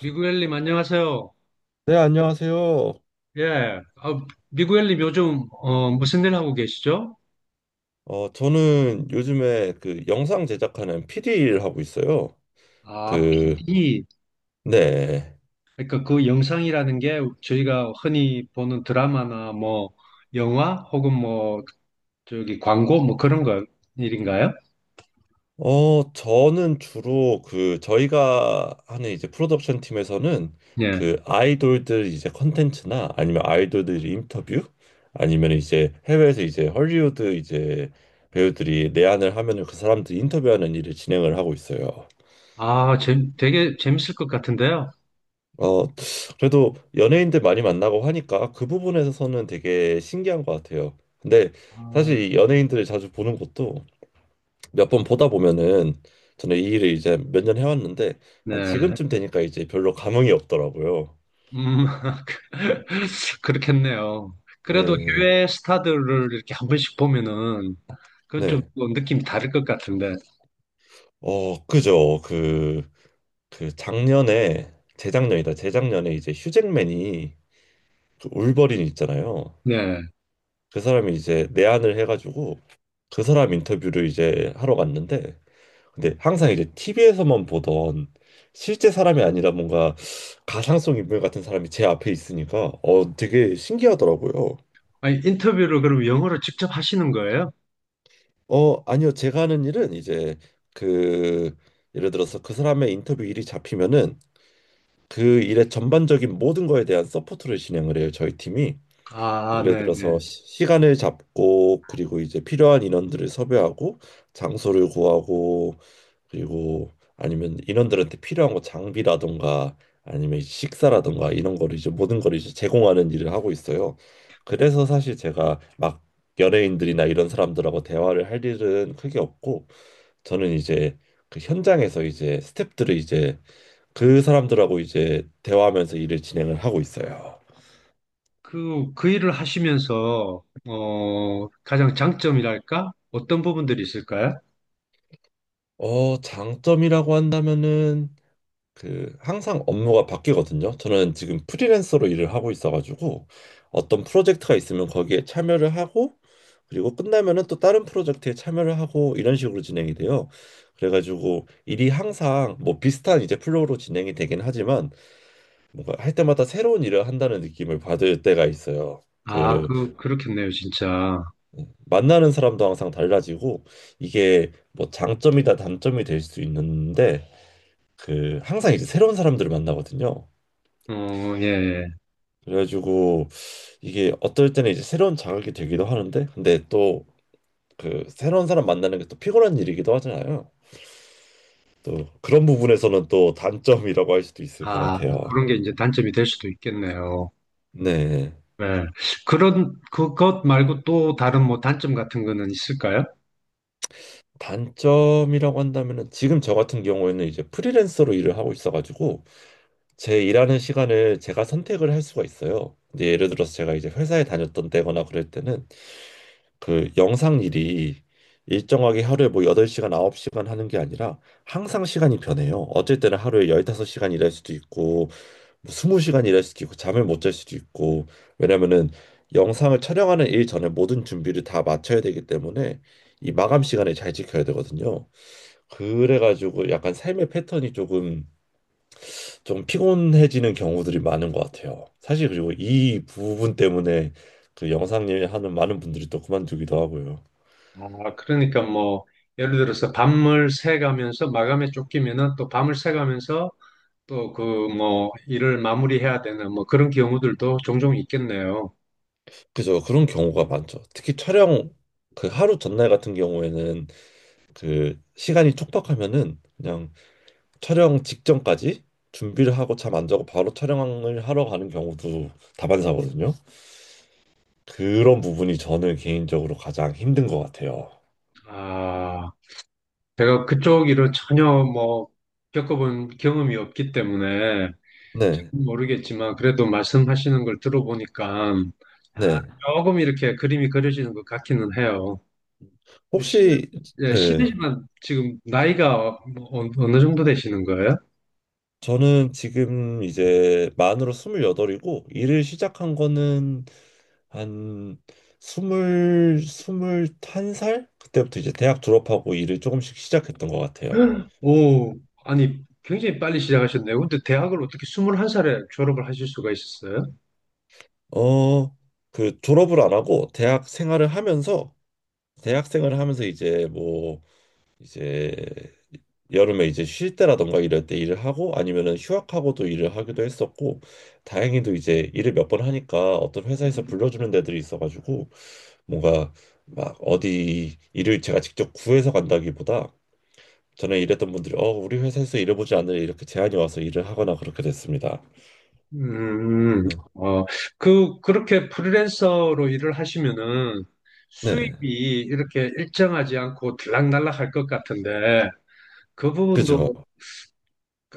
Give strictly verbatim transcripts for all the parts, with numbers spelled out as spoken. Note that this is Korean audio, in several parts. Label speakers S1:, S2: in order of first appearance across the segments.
S1: 미구엘님, 안녕하세요.
S2: 네, 안녕하세요.
S1: 예. 아, 미구엘님, 요즘, 어, 무슨 일 하고 계시죠?
S2: 어, 저는 요즘에 그 영상 제작하는 피디 일 하고 있어요.
S1: 아,
S2: 그,
S1: 피디.
S2: 네.
S1: 그러니까 그 영상이라는 게 저희가 흔히 보는 드라마나 뭐, 영화 혹은 뭐, 저기 광고 뭐 그런 거 일인가요?
S2: 어, 저는 주로 그 저희가 하는 이제 프로덕션 팀에서는
S1: 예.
S2: 그 아이돌들 이제 컨텐츠나 아니면 아이돌들 인터뷰, 아니면 이제 해외에서 이제 헐리우드 이제 배우들이 내한을 하면은 그 사람들 인터뷰하는 일을 진행을 하고 있어요.
S1: 아, 재, 되게 재밌을 것 같은데요.
S2: 어, 그래도 연예인들 많이 만나고 하니까 그 부분에서는 되게 신기한 것 같아요. 근데
S1: 아,
S2: 사실 이 연예인들을 자주 보는 것도 몇 번 보다 보면은, 저는 이 일을 이제 몇 년 해왔는데 한
S1: 네.
S2: 지금쯤 되니까 이제 별로 감흥이 없더라고요.
S1: 음, 그렇겠네요.
S2: 예,
S1: 그래도
S2: 예.
S1: 해외 스타들을 이렇게 한 번씩 보면은 그건 좀
S2: 네.
S1: 느낌이 다를 것 같은데.
S2: 어, 그죠. 그, 그 작년에, 재작년이다. 재작년에 이제 휴잭맨이, 그 울버린 있잖아요.
S1: 네.
S2: 그 사람이 이제 내한을 해가지고 그 사람 인터뷰를 이제 하러 갔는데, 근데 항상 이제 티비에서만 보던 실제 사람이 아니라 뭔가 가상성 인물 같은 사람이 제 앞에 있으니까 어 되게 신기하더라고요.
S1: 아니, 인터뷰를 그럼 영어로 직접 하시는 거예요?
S2: 어 아니요, 제가 하는 일은 이제, 그 예를 들어서 그 사람의 인터뷰 일이 잡히면은 그 일의 전반적인 모든 거에 대한 서포트를 진행을 해요, 저희 팀이.
S1: 아,
S2: 예를
S1: 네. 네.
S2: 들어서 시- 시간을 잡고, 그리고 이제 필요한 인원들을 섭외하고, 장소를 구하고, 그리고 아니면 인원들한테 필요한 거 장비라던가 아니면 식사라던가 이런 거를 이제 모든 걸 이제 제공하는 일을 하고 있어요. 그래서 사실 제가 막 연예인들이나 이런 사람들하고 대화를 할 일은 크게 없고, 저는 이제 그 현장에서 이제 스태프들을 이제, 그 사람들하고 이제 대화하면서 일을 진행을 하고 있어요.
S1: 그, 그 일을 하시면서, 어, 가장 장점이랄까? 어떤 부분들이 있을까요?
S2: 어, 장점이라고 한다면은, 그 항상 업무가 바뀌거든요. 저는 지금 프리랜서로 일을 하고 있어가지고 어떤 프로젝트가 있으면 거기에 참여를 하고, 그리고 끝나면은 또 다른 프로젝트에 참여를 하고, 이런 식으로 진행이 돼요. 그래가지고 일이 항상 뭐 비슷한 이제 플로우로 진행이 되긴 하지만, 뭔가 할 때마다 새로운 일을 한다는 느낌을 받을 때가 있어요.
S1: 아,
S2: 그
S1: 그, 그렇겠네요, 진짜.
S2: 만나는 사람도 항상 달라지고, 이게 뭐 장점이다 단점이 될 수 있는데, 그 항상 이제 새로운 사람들을 만나거든요.
S1: 어, 예. 예.
S2: 그래가지고 이게 어떨 때는 이제 새로운 자극이 되기도 하는데, 근데 또 그 새로운 사람 만나는 게 또 피곤한 일이기도 하잖아요. 또 그런 부분에서는 또 단점이라고 할 수도 있을 것
S1: 아,
S2: 같아요.
S1: 그런 게 이제 단점이 될 수도 있겠네요.
S2: 네.
S1: 네. 그런, 그것 말고 또 다른 뭐 단점 같은 거는 있을까요?
S2: 단점이라고 한다면은, 지금 저 같은 경우에는 이제 프리랜서로 일을 하고 있어가지고 제 일하는 시간을 제가 선택을 할 수가 있어요. 근데 예를 들어서 제가 이제 회사에 다녔던 때거나 그럴 때는, 그 영상 일이 일정하게 하루에 뭐 여덟 시간, 아홉 시간 하는 게 아니라 항상 시간이 변해요. 어쩔 때는 하루에 열다섯 시간 일할 수도 있고, 뭐 스무 시간 일할 수도 있고, 잠을 못 잘 수도 있고. 왜냐면은 영상을 촬영하는 일 전에 모든 준비를 다 마쳐야 되기 때문에 이 마감 시간을 잘 지켜야 되거든요. 그래가지고 약간 삶의 패턴이 조금 좀 피곤해지는 경우들이 많은 것 같아요, 사실. 그리고 이 부분 때문에 그 영상 일 하는 많은 분들이 또 그만두기도 하고요.
S1: 아, 그러니까 뭐, 예를 들어서 밤을 새가면서 마감에 쫓기면은 또 밤을 새가면서 또 그 뭐 일을 마무리해야 되는 뭐 그런 경우들도 종종 있겠네요.
S2: 그죠. 그런 경우가 많죠. 특히 촬영, 그 하루 전날 같은 경우에는 그 시간이 촉박하면은 그냥 촬영 직전까지 준비를 하고 잠 안 자고 바로 촬영을 하러 가는 경우도 다반사거든요. 그런 부분이 저는 개인적으로 가장 힘든 것 같아요.
S1: 아, 제가 그쪽 일은 전혀 뭐 겪어본 경험이 없기 때문에
S2: 네,
S1: 모르겠지만 그래도 말씀하시는 걸 들어보니까 아,
S2: 네.
S1: 조금 이렇게 그림이 그려지는 것 같기는 해요. 실,
S2: 혹시.
S1: 예,
S2: 네,
S1: 실례지만 지금 나이가 뭐 어- 어느 정도 되시는 거예요?
S2: 저는 지금 이제 만으로 스물여덟이고, 일을 시작한 거는 한 스물 스물 한 살, 그때부터 이제 대학 졸업하고 일을 조금씩 시작했던 것 같아요.
S1: 오, 아니 굉장히 빨리 시작하셨네요. 근데 대학을 어떻게 스물한 살에 졸업을 하실 수가 있었어요?
S2: 어, 그 졸업을 안 하고 대학 생활을 하면서, 대학 생활을 하면서 이제 뭐 이제 여름에 이제 쉴 때라던가 이럴 때 일을 하고, 아니면은 휴학하고도 일을 하기도 했었고, 다행히도 이제 일을 몇 번 하니까 어떤 회사에서 불러주는 데들이 있어가지고, 뭔가 막 어디 일을 제가 직접 구해서 간다기보다 전에 일했던 분들이 어 우리 회사에서 일해보지 않으려 이렇게 제안이 와서 일을 하거나 그렇게 됐습니다.
S1: 음, 음.
S2: 음,
S1: 어, 그, 그렇게 프리랜서로 일을 하시면은
S2: 네,
S1: 수입이 이렇게 일정하지 않고 들락날락 할 것 같은데 그
S2: 그죠.
S1: 부분도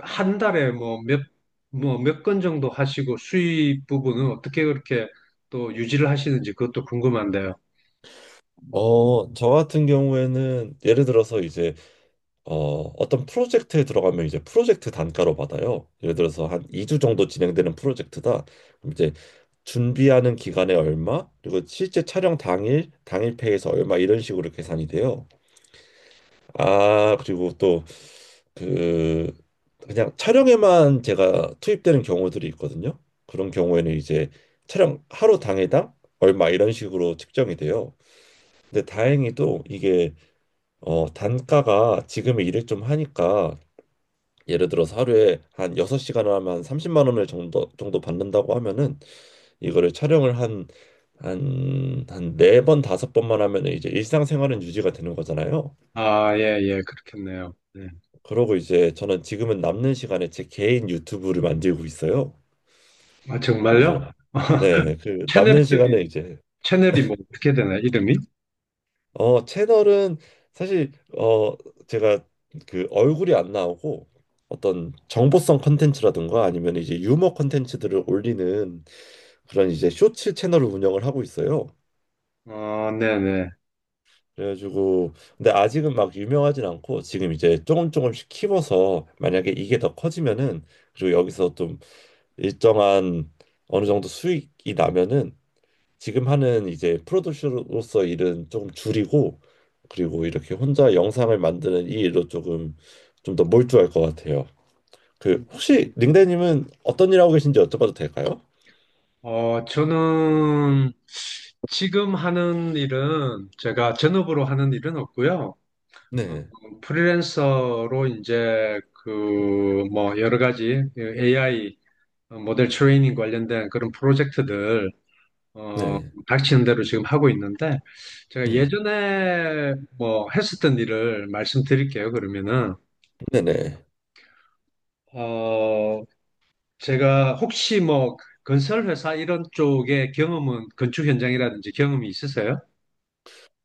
S1: 한 달에 뭐 몇, 뭐 몇 건 정도 하시고 수입 부분은 어떻게 그렇게 또 유지를 하시는지 그것도 궁금한데요.
S2: 어, 저 같은 경우에는 예를 들어서 이제, 어, 어떤 프로젝트에 들어가면 이제 프로젝트 단가로 받아요. 예를 들어서 한 이 주 정도 진행되는 프로젝트다. 그럼 이제 준비하는 기간에 얼마, 그리고 실제 촬영 당일, 당일 페이에서 얼마, 이런 식으로 계산이 돼요. 아, 그리고 또, 그 그냥 촬영에만 제가 투입되는 경우들이 있거든요. 그런 경우에는 이제 촬영 하루 당에당 얼마, 이런 식으로 측정이 돼요. 근데 다행히도 이게 어 단가가 지금 일을 좀 하니까, 예를 들어서 하루에 한 여섯 시간 하면 한 삼십만 원을 정도 정도 받는다고 하면은, 이거를 촬영을 한 한 한 네 번 다섯 번만 하면은 이제 일상생활은 유지가 되는 거잖아요.
S1: 아, 예, 예, 그렇겠네요. 네.
S2: 그러고 이제 저는 지금은 남는 시간에 제 개인 유튜브를 만들고 있어요.
S1: 아,
S2: 그래서,
S1: 정말요?
S2: 네, 그
S1: 채널
S2: 남는
S1: 이름이,
S2: 시간에 이제,
S1: 채널이 뭐 어떻게 되나, 이름이?
S2: 어 채널은 사실 어 제가 그 얼굴이 안 나오고 어떤 정보성 컨텐츠라든가 아니면 이제 유머 컨텐츠들을 올리는, 그런 이제 쇼츠 채널을 운영을 하고 있어요.
S1: 어, 네네.
S2: 그래가지고, 근데 아직은 막 유명하진 않고 지금 이제 조금 조금씩 키워서 만약에 이게 더 커지면은, 그리고 여기서 좀 일정한 어느 정도 수익이 나면은 지금 하는 이제 프로듀서로서 일은 조금 줄이고 그리고 이렇게 혼자 영상을 만드는 이 일로 조금 좀 더 몰두할 것 같아요. 그 혹시 링대님은 어떤 일 하고 계신지 여쭤봐도 될까요?
S1: 어, 저는 지금 하는 일은 제가 전업으로 하는 일은 없고요. 어,
S2: 네,
S1: 프리랜서로 이제 그 뭐 여러 가지 에이아이 모델 트레이닝 관련된 그런 프로젝트들. 어,
S2: 네,
S1: 닥치는 대로 지금 하고 있는데 제가
S2: 네,
S1: 예전에 뭐 했었던 일을 말씀드릴게요. 그러면은
S2: 네, 네.
S1: 어, 제가 혹시 뭐 건설 회사 이런 쪽에 경험은 건축 현장이라든지 경험이 있으세요?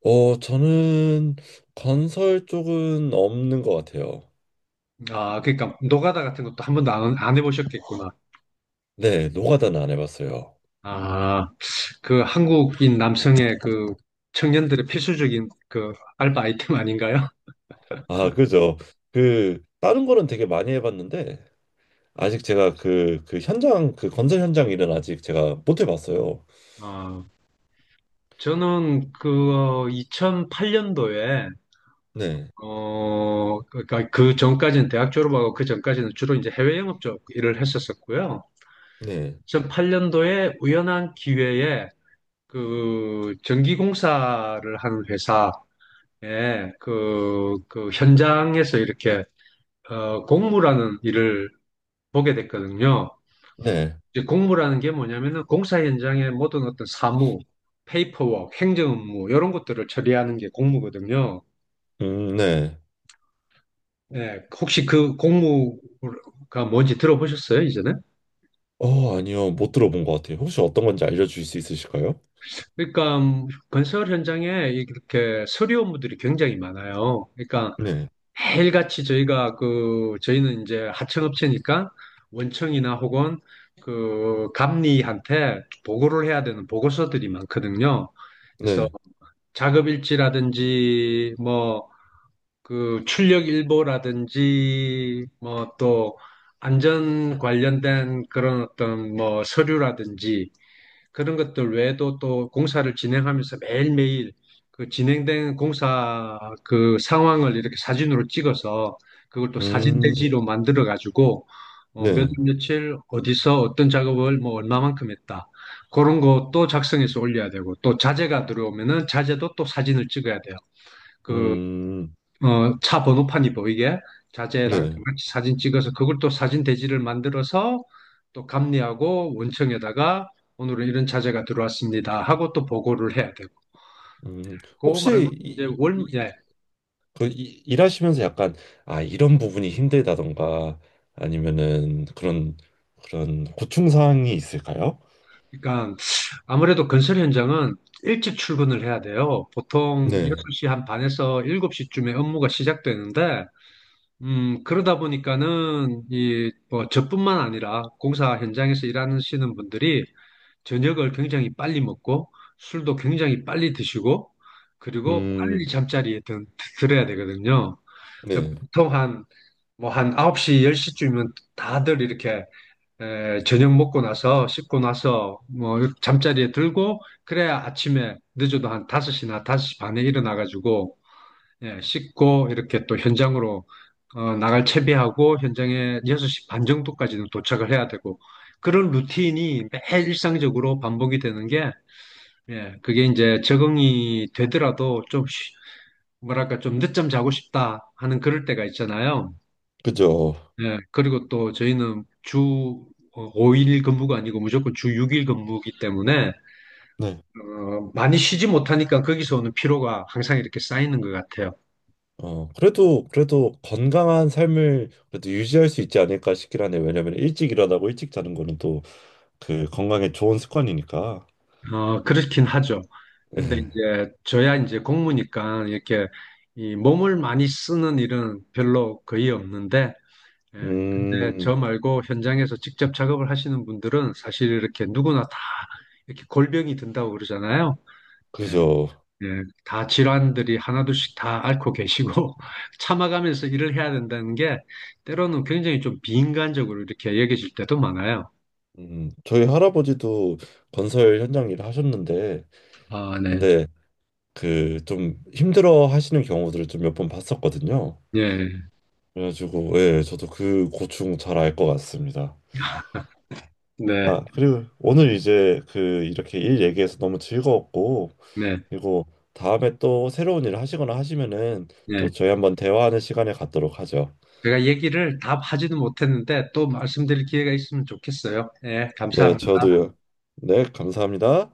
S2: 어, 저는 건설 쪽은 없는 것 같아요.
S1: 아, 그러니까 노가다 같은 것도 한 번도 안, 안 해보셨겠구나.
S2: 네, 노가다는 안 해봤어요.
S1: 아, 그 한국인 남성의 그 청년들의 필수적인 그 알바 아이템 아닌가요?
S2: 아, 그죠. 그 다른 거는 되게 많이 해봤는데, 아직 제가 그 그 현장, 그 건설 현장 일은 아직 제가 못 해봤어요.
S1: 어, 저는 그 이천팔 년도에
S2: 네.
S1: 어, 그러니까 그 전까지는 대학 졸업하고 그 전까지는 주로 이제 해외 영업 쪽 일을 했었었고요.
S2: 네,
S1: 이천팔 년도에 우연한 기회에 그 전기공사를 하는 회사에 그, 그 현장에서 이렇게 어, 공무라는 일을 보게 됐거든요.
S2: 네,
S1: 이제 공무라는 게 뭐냐면은 공사 현장의 모든 어떤 사무, 페이퍼워크, 행정 업무 이런 것들을 처리하는 게 공무거든요.
S2: 음, 네.
S1: 예, 혹시 그 공무가 뭔지 들어보셨어요, 이전에?
S2: 어, 아니요, 못 들어본 것 같아요. 혹시 어떤 건지 알려주실 수 있으실까요?
S1: 그러니까 음, 건설 현장에 이렇게 서류 업무들이 굉장히 많아요. 그러니까
S2: 네,
S1: 매일같이 저희가 그 저희는 이제 하청업체니까 원청이나 혹은 그 감리한테 보고를 해야 되는 보고서들이 많거든요. 그래서
S2: 네,
S1: 작업일지라든지 뭐 그 출력 일보라든지 뭐 또 안전 관련된 그런 어떤 뭐 서류라든지 그런 것들 외에도 또 공사를 진행하면서 매일매일 그 진행된 공사 그 상황을 이렇게 사진으로 찍어서 그걸 또 사진
S2: 음,
S1: 대지로 만들어 가지고 어, 몇
S2: 네,
S1: 월 며칠 어디서 어떤 작업을 뭐 얼마만큼 했다. 그런 거 또 작성해서 올려야 되고 또 자재가 들어오면은 자재도 또 사진을 찍어야 돼요. 그
S2: 음,
S1: 어, 차 번호판이 보이게 자재랑 다
S2: 네,
S1: 같이 사진 찍어서 그걸 또 사진 대지를 만들어서 또 감리하고 원청에다가 오늘은 이런 자재가 들어왔습니다 하고 또 보고를 해야 되고
S2: 음.
S1: 그거
S2: 혹시
S1: 말고 이제
S2: 이,
S1: 월, 예.
S2: 이, 그 이- 일하시면서 약간, 아 이런 부분이 힘들다던가 아니면은 그런, 그런 고충 사항이 있을까요?
S1: 그러니까 아무래도 건설 현장은 일찍 출근을 해야 돼요. 보통
S2: 네,
S1: 여섯 시 한 반에서 일곱 시쯤에 업무가 시작되는데 음, 그러다 보니까는 이 뭐 저뿐만 아니라 공사 현장에서 일하시는 분들이 저녁을 굉장히 빨리 먹고 술도 굉장히 빨리 드시고 그리고 빨리
S2: 음,
S1: 잠자리에 든, 들어야 되거든요.
S2: 네,
S1: 보통 한 뭐 한 아홉 시, 열 시쯤이면 다들 이렇게 에, 저녁 먹고 나서 씻고 나서 뭐 잠자리에 들고 그래야 아침에 늦어도 한 다섯 시나 다섯 시 반에 일어나 가지고 예, 씻고 이렇게 또 현장으로 어, 나갈 채비하고 현장에 여섯 시 반 정도까지는 도착을 해야 되고 그런 루틴이 매일 일상적으로 반복이 되는 게 예, 그게 이제 적응이 되더라도 좀, 쉬- 뭐랄까, 좀 늦잠 자고 싶다 하는 그럴 때가 있잖아요.
S2: 그죠.
S1: 예, 그리고 또 저희는 주 오 일 근무가 아니고 무조건 주 육 일 근무이기 때문에, 어, 많이 쉬지 못하니까 거기서 오는 피로가 항상 이렇게 쌓이는 것 같아요.
S2: 어, 그래도, 그래도 건강한 삶을 그래도 유지할 수 있지 않을까 싶긴 하네. 왜냐면 일찍 일어나고 일찍 자는 거는 또 그 건강에 좋은 습관이니까.
S1: 어, 그렇긴 하죠. 근데 이제 저야 이제 공무니까 이렇게 이 몸을 많이 쓰는 일은 별로 거의 없는데, 예, 근데
S2: 음,
S1: 저 말고 현장에서 직접 작업을 하시는 분들은 사실 이렇게 누구나 다 이렇게 골병이 든다고 그러잖아요. 예,
S2: 그죠.
S1: 예, 다 질환들이 하나둘씩 다 앓고 계시고 참아가면서 일을 해야 된다는 게 때로는 굉장히 좀 비인간적으로 이렇게 여겨질 때도 많아요.
S2: 음, 저희 할아버지도 건설 현장 일을 하셨는데,
S1: 아, 네.
S2: 근데 그 좀 힘들어 하시는 경우들을 좀 몇 번 봤었거든요.
S1: 예,
S2: 그래가지고, 예, 저도 그 고충 잘 알 것 같습니다.
S1: 네,
S2: 아, 그리고 오늘 이제 그 이렇게 일 얘기해서 너무 즐거웠고,
S1: 네,
S2: 그리고 다음에 또 새로운 일을 하시거나 하시면은
S1: 네.
S2: 또 저희 한번 대화하는 시간을 갖도록 하죠.
S1: 제가 얘기를 다 하지는 못했는데 또 말씀드릴 기회가 있으면 좋겠어요. 예,
S2: 네,
S1: 감사합니다.
S2: 저도요. 네, 감사합니다.